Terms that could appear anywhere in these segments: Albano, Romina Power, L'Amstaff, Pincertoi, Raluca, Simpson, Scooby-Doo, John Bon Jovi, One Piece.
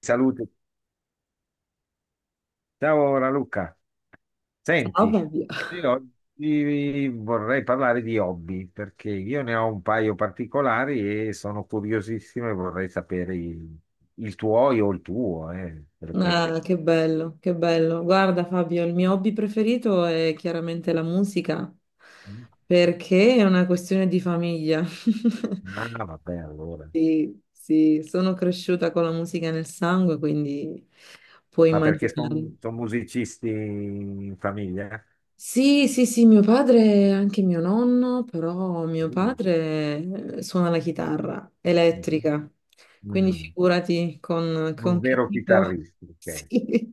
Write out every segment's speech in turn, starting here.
Salute. Ciao Raluca. Ciao Senti, Fabio. io oggi vorrei parlare di hobby perché io ne ho un paio particolari e sono curiosissimo e vorrei sapere il tuo o il tuo, perché... Ah, che bello, che bello. Guarda Fabio, il mio hobby preferito è chiaramente la musica, perché è una questione di famiglia. Ah, vabbè, allora. Sì, sì, sono cresciuta con la musica nel sangue, quindi puoi Ma perché immaginare. sono musicisti in famiglia? Sì, sì, sì, mio padre, è anche mio nonno, però mio Uh, padre suona la chitarra mhm. elettrica, quindi Mm, figurati con, Un con che vero tipo... chitarrista, ok. Sì.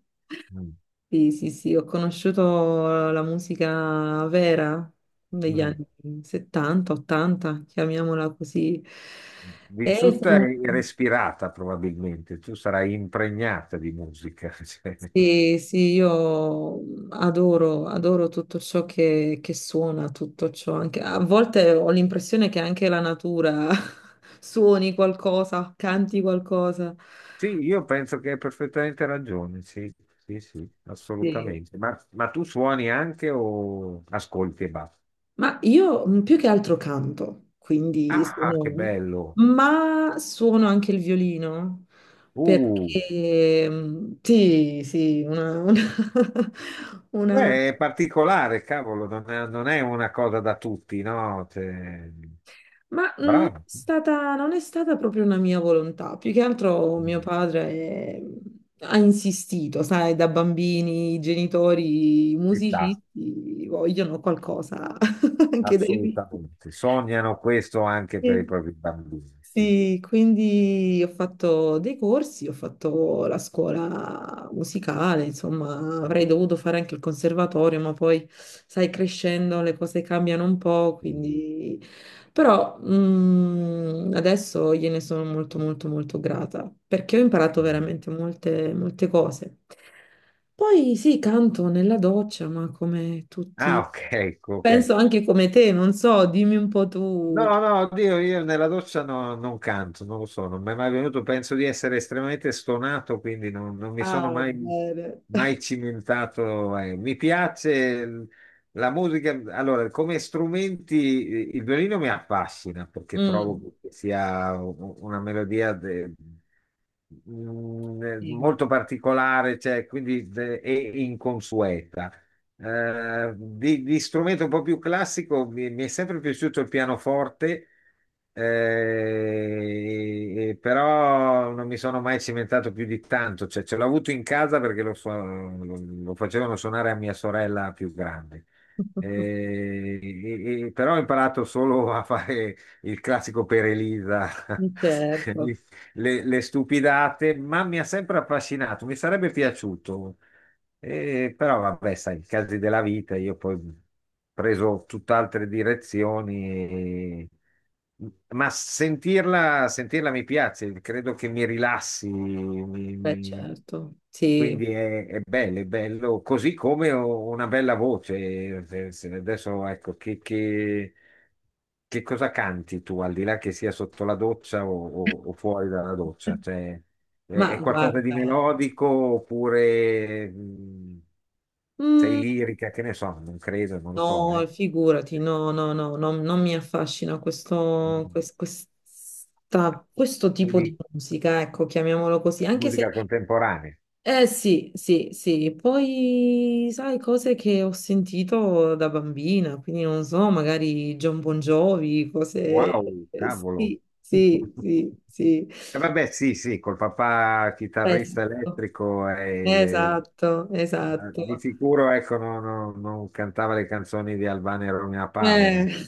Mm, Sì, sì, sì, ho conosciuto la musica vera degli mm. anni 70, 80, chiamiamola così. E Vissuta sono- e respirata probabilmente, tu sarai impregnata di musica. Cioè. sì, sì, io adoro, adoro tutto ciò che suona, tutto ciò. Anche, a volte ho l'impressione che anche la natura suoni qualcosa, canti qualcosa. Sì, io penso che hai perfettamente ragione, sì, sì, sì, Sì. assolutamente. Ma tu suoni anche o ascolti e basta? Ma io più che altro canto, quindi Ah, che sono... bello! Ma suono anche il violino. Uh, Sì, sì, una- beh, è particolare, cavolo, non è una cosa da tutti, no? Cioè, ma non è bravo. stata, non è stata proprio una mia volontà. Più che altro mio Mm, padre ha insistito, sai, da bambini i genitori i Ci sta, musicisti vogliono qualcosa anche dai figli. assolutamente. Sognano questo anche per i Sì. propri bambini. Sì, quindi ho fatto dei corsi, ho fatto la scuola musicale, insomma, avrei Sì. dovuto fare anche il conservatorio, ma poi, sai, crescendo le cose cambiano un po', Sì. quindi... Però adesso gliene sono molto, molto, molto grata, perché ho imparato Mm. veramente molte, molte cose. Poi sì, canto nella doccia, ma come Ah, tutti... ok, ecco, ok. Penso anche come te, non so, dimmi un po' No, tu. no, oddio, io nella doccia non canto, non lo so, non mi è mai venuto, penso di essere estremamente stonato, quindi non mi sono Ah, mai, bene. mai cimentato. Mi piace la musica, allora, come strumenti il violino mi affascina perché Mm, trovo che sia una melodia sì. molto particolare, cioè, quindi e inconsueta. Di strumento un po' più classico mi è sempre piaciuto il pianoforte, però non mi sono mai cimentato più di tanto. Cioè, ce l'ho avuto in casa perché lo facevano suonare a mia sorella più grande. Però ho imparato solo a fare il classico per Elisa, Certo, le stupidate, ma mi ha sempre affascinato. Mi sarebbe piaciuto. E però vabbè, sai, i casi della vita, io poi ho preso tutt'altre direzioni, ma sentirla, sentirla mi piace, credo che mi rilassi, beh, mi- certo, sì. quindi è bello, così come ho una bella voce. Adesso ecco, che cosa canti tu, al di là che sia sotto la doccia o, o fuori dalla doccia? Cioè, Ma è qualcosa di guarda, melodico oppure sei mm, lirica? Che ne so, non credo, non lo so. no, figurati, no, no, no, no, non mi affascina questo, Mm. Questo tipo di Quindi musica, ecco, chiamiamolo così, anche se, musica contemporanea. eh sì, sì, sì, poi sai cose che ho sentito da bambina, quindi non so, magari John Bon Jovi, cose, Wow, cavolo. sì, sì, sì, sì. Vabbè, sì, sì, col papà chitarrista Questo. elettrico e Esatto, di esatto. sicuro ecco, non cantava le canzoni di Albano e Romina Power. Eh,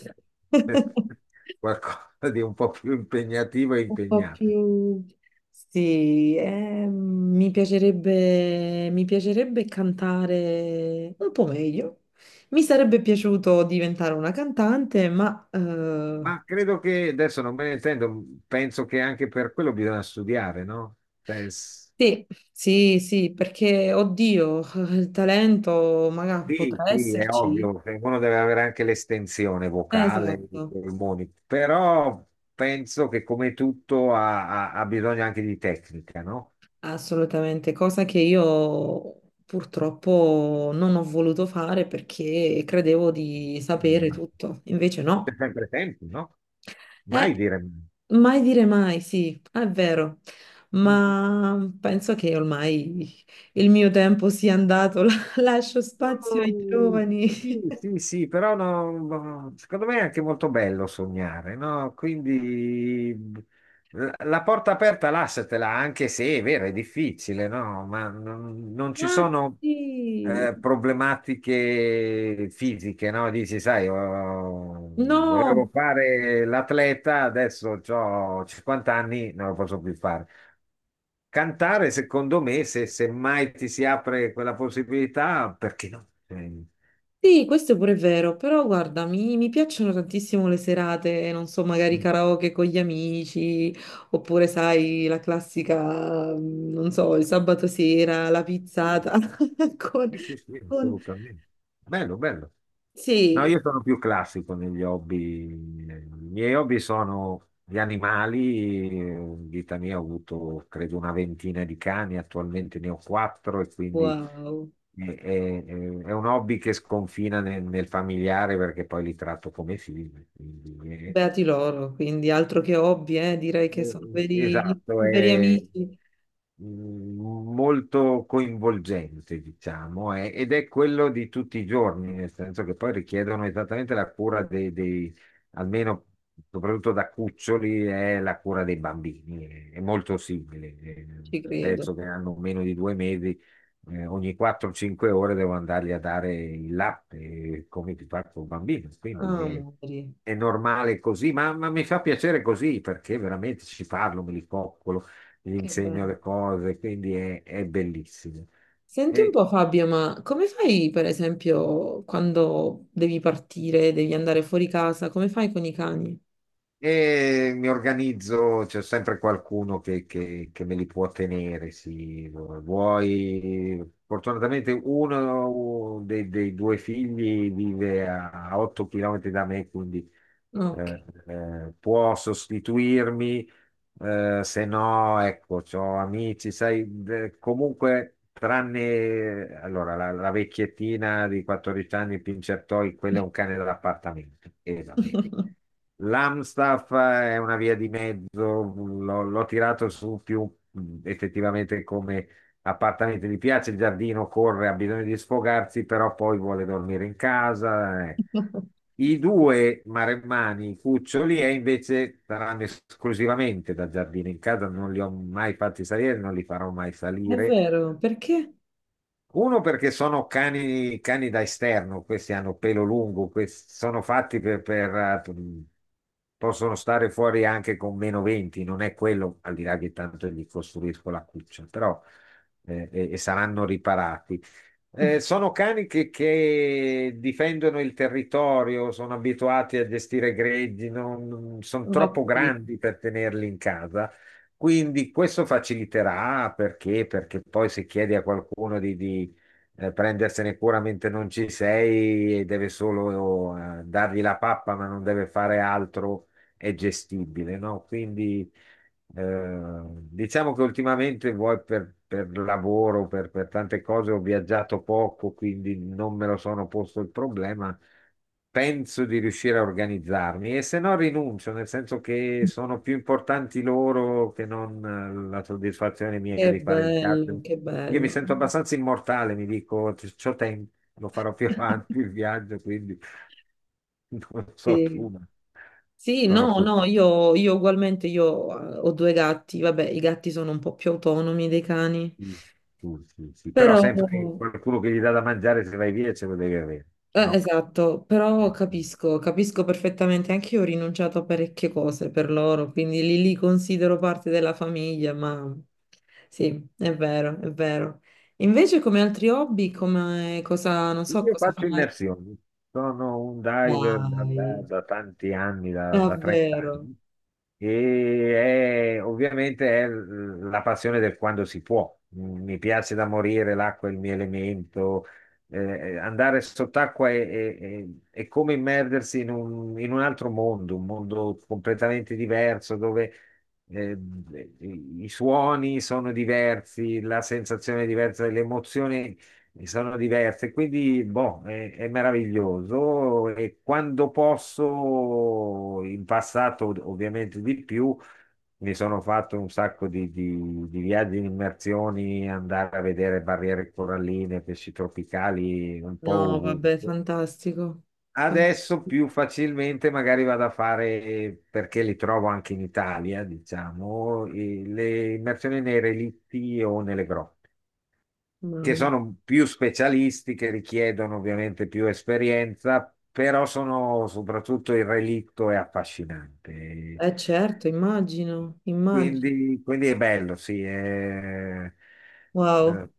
Eh. un Qualcosa di un po' più impegnativo e po' impegnato. più... Sì, mi piacerebbe cantare un po' meglio. Mi sarebbe piaciuto diventare una cantante, ma Ma credo che adesso non me ne intendo, penso che anche per quello bisogna studiare, no? Cioè, sì, sì, sì, perché, oddio, il talento magari sì, potrà sì, è esserci. ovvio, che uno deve avere anche l'estensione vocale, i Esatto. polmoni, però penso che come tutto ha bisogno anche di tecnica, no? Assolutamente, cosa che io purtroppo non ho voluto fare perché credevo di sapere Mm. tutto, invece no. Sempre tempo, no? Eh, Mai dire mai dire mai, sì, è vero, mai. ma penso che ormai il mio tempo sia andato, lascio spazio ai Mm, giovani. Sì, sì, sì, però no, no, secondo me è anche molto bello sognare, no? Quindi la porta aperta lasciatela, anche se è vero, è difficile, no? Ma non ci Ma sono sì, problematiche fisiche, no? Dici, sai, oh, volevo no, fare l'atleta, adesso ho 50 anni, non lo posso più fare. Cantare, secondo me, se mai ti si apre quella possibilità, perché no? Sì, questo è pure vero, però guarda, mi piacciono tantissimo le serate, non so, magari karaoke con gli amici, oppure sai, la classica, non so, il sabato sera, la pizzata con, sì, sì, sì, sì, con- assolutamente. Bello, bello. No, Sì, io sono più classico negli hobby. I miei hobby sono gli animali. In vita mia ho avuto, credo, una ventina di cani, attualmente ne ho quattro e quindi wow, è, è un hobby che sconfina nel familiare perché poi li tratto come figli. Quindi beati loro, quindi altro che hobby, direi che sono veri, esatto, veri è amici, mm, molto coinvolgente, diciamo, ed è quello di tutti i giorni, nel senso che poi richiedono esattamente la cura almeno soprattutto da cuccioli, è la cura dei bambini, è molto simile. Ci credo. Adesso che hanno meno di due mesi ogni 4-5 ore devo andargli a dare il latte, come ti faccio un bambino. Quindi Amori, è normale così, ma mi fa piacere così perché veramente ci parlo, me li coccolo, gli che insegno bello. le cose, quindi è bellissimo. Senti un E po' Fabio, ma come fai per esempio quando devi partire, devi andare fuori casa, come fai con i cani? E mi organizzo, c'è sempre qualcuno che me li può tenere, sì. Vuoi, fortunatamente uno dei due figli vive a 8 km da me, quindi Ok, può sostituirmi se no, ecco, c'ho amici, sai, comunque, tranne allora, la vecchiettina di 14 anni, Pincertoi, quello è un cane dell'appartamento. E va bene. L'Amstaff è una via di mezzo, l'ho tirato su più effettivamente come appartamento, gli piace il giardino, corre, ha bisogno di sfogarsi, però poi vuole dormire in casa. I due maremmani, cuccioli, e invece saranno esclusivamente da giardino in casa, non li ho mai fatti salire, non li farò mai è salire vero, perché? uno perché sono cani, cani da esterno, questi hanno pelo lungo, questi sono fatti possono stare fuori anche con meno 20, non è quello, al di là che tanto gli costruisco la cuccia, però e saranno riparati. Sono cani che difendono il territorio, sono abituati a gestire greggi, non, sono Non ho troppo capito. grandi per tenerli in casa, quindi questo faciliterà perché? Perché poi se chiedi a qualcuno di prendersene cura mentre non ci sei e deve solo dargli la pappa ma non deve fare altro, è gestibile, no? Quindi eh, diciamo che ultimamente vuoi per lavoro, per tante cose ho viaggiato poco, quindi non me lo sono posto il problema. Penso di riuscire a organizzarmi e se no rinuncio, nel senso che sono più importanti loro che non la soddisfazione mia Che di fare il bello, viaggio. che Io mi bello. sento abbastanza immortale, mi dico, C'ho tempo, lo farò più avanti il viaggio, quindi non so tu, Sì. ma Sì, sono no, così. no, io ugualmente io ho due gatti, vabbè, i gatti sono un po' più autonomi dei cani, Sì, sì, sì, sì. Però però sempre qualcuno che gli dà da mangiare se vai via ce lo devi avere, eh, no? esatto, però Sì. capisco, capisco perfettamente, anche io ho rinunciato a parecchie cose per loro, quindi li considero parte della famiglia, ma sì, è vero, è vero. Invece come altri hobby, come cosa, non so Io cosa faccio fai? immersioni, sono un diver Dai, da tanti anni, da 30 davvero? anni, e ovviamente è la passione del quando si può. Mi piace da morire, l'acqua è il mio elemento, eh, andare sott'acqua è, è come immergersi in un altro mondo, un mondo completamente diverso dove... eh, i suoni sono diversi, la sensazione è diversa, le emozioni e sono diverse, quindi boh, è meraviglioso e quando posso, in passato ovviamente di più, mi sono fatto un sacco di viaggi in immersioni, andare a vedere barriere coralline, pesci tropicali, un po' No, vabbè, ovunque. fantastico. Fan- Adesso più facilmente magari vado a fare, perché li trovo anche in Italia, diciamo, le immersioni nei relitti o nelle grotte che Mamma. sono più specialisti, che richiedono ovviamente più esperienza, però sono soprattutto il relitto è affascinante. Eh certo, immagino, immagino. Quindi, quindi è bello, sì. È... Wow. eh,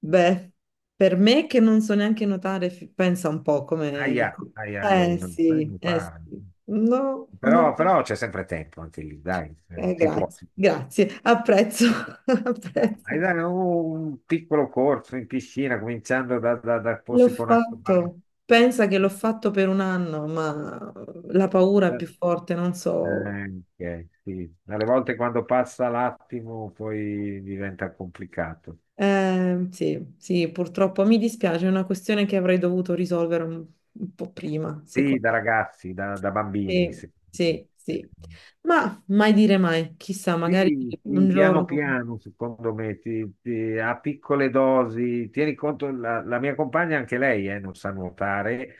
Beh, per me che non so neanche nuotare, pensa un po' come... aia, aia, aia, Eh non sì, mi eh sì. fa. No, no, Però, però c'è sempre tempo anche lì, dai, eh, si può. grazie, Si può. grazie, apprezzo, Dai, apprezzo. dai, un piccolo corso in piscina, cominciando da L'ho posti con acqua bagna. fatto, pensa che l'ho fatto per un anno, ma la paura è più forte, non so. Ok, sì. Alle volte quando passa l'attimo poi diventa complicato. Sì, sì, purtroppo mi dispiace, è una questione che avrei dovuto risolvere un po' prima, sì. Sì, da ragazzi, da bambini. Sì, Sì. sì, sì. Ma mai dire mai, chissà, magari Sì, sì, un piano giorno, piano, secondo me, a piccole dosi. Tieni conto, la mia compagna, anche lei, non sa nuotare,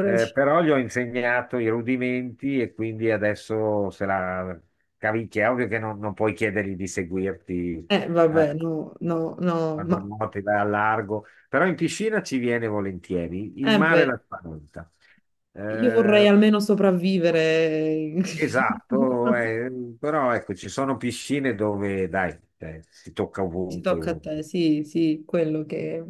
però gli ho insegnato i rudimenti e quindi adesso se la cavicchia. È ovvio che non puoi chiedergli di seguirti, eh, Vabbè, no, no, no, quando ma nuoti, vai al largo, però in piscina ci viene volentieri. Il eh mare beh, la spaventa. io vorrei Eh, almeno sopravvivere. Esatto, però ecco, ci sono piscine dove, dai, si tocca Ci ovunque, tocca a te, sì, sì, quello che...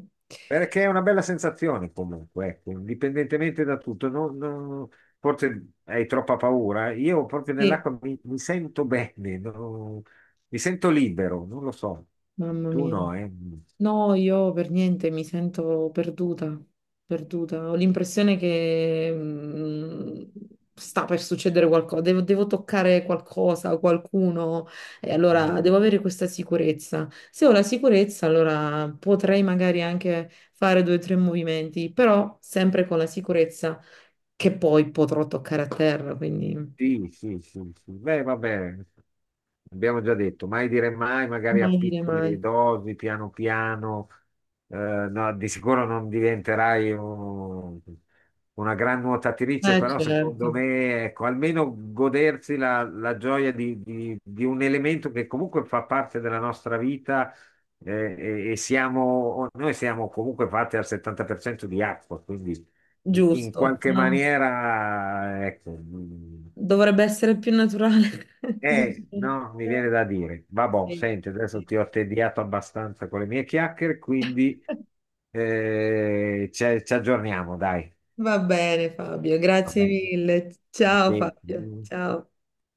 perché è una bella sensazione comunque, ecco, indipendentemente da tutto. Forse hai troppa paura, io proprio Sì, nell'acqua mi sento bene, no? Mi sento libero, non lo so. mamma Tu mia. no, eh? No, io per niente mi sento perduta, perduta. Ho l'impressione che sta per succedere qualcosa, devo toccare qualcosa, qualcuno, e allora devo avere questa sicurezza. Se ho la sicurezza, allora potrei magari anche fare due o tre movimenti, però sempre con la sicurezza che poi potrò toccare a terra, quindi Sì, sì, sì, sì. Beh, vabbè, abbiamo già detto, mai dire mai, magari a mai dire piccole mai. dosi, piano piano, no, di sicuro non diventerai una gran nuotatrice, però secondo Certo, me, ecco, almeno godersi la gioia di, di un elemento che comunque fa parte della nostra vita, e siamo, noi siamo comunque fatti al 70% di acqua, quindi in giusto. qualche Ah. maniera, ecco, Dovrebbe essere più naturale. No, mi Eh, viene da dire. Vabbè, sì, senti, adesso sì. ti ho tediato abbastanza con le mie chiacchiere, quindi ci aggiorniamo, dai. Va bene, Fabio, Va grazie bene. mille. Va Ciao Fabio, bene. ciao.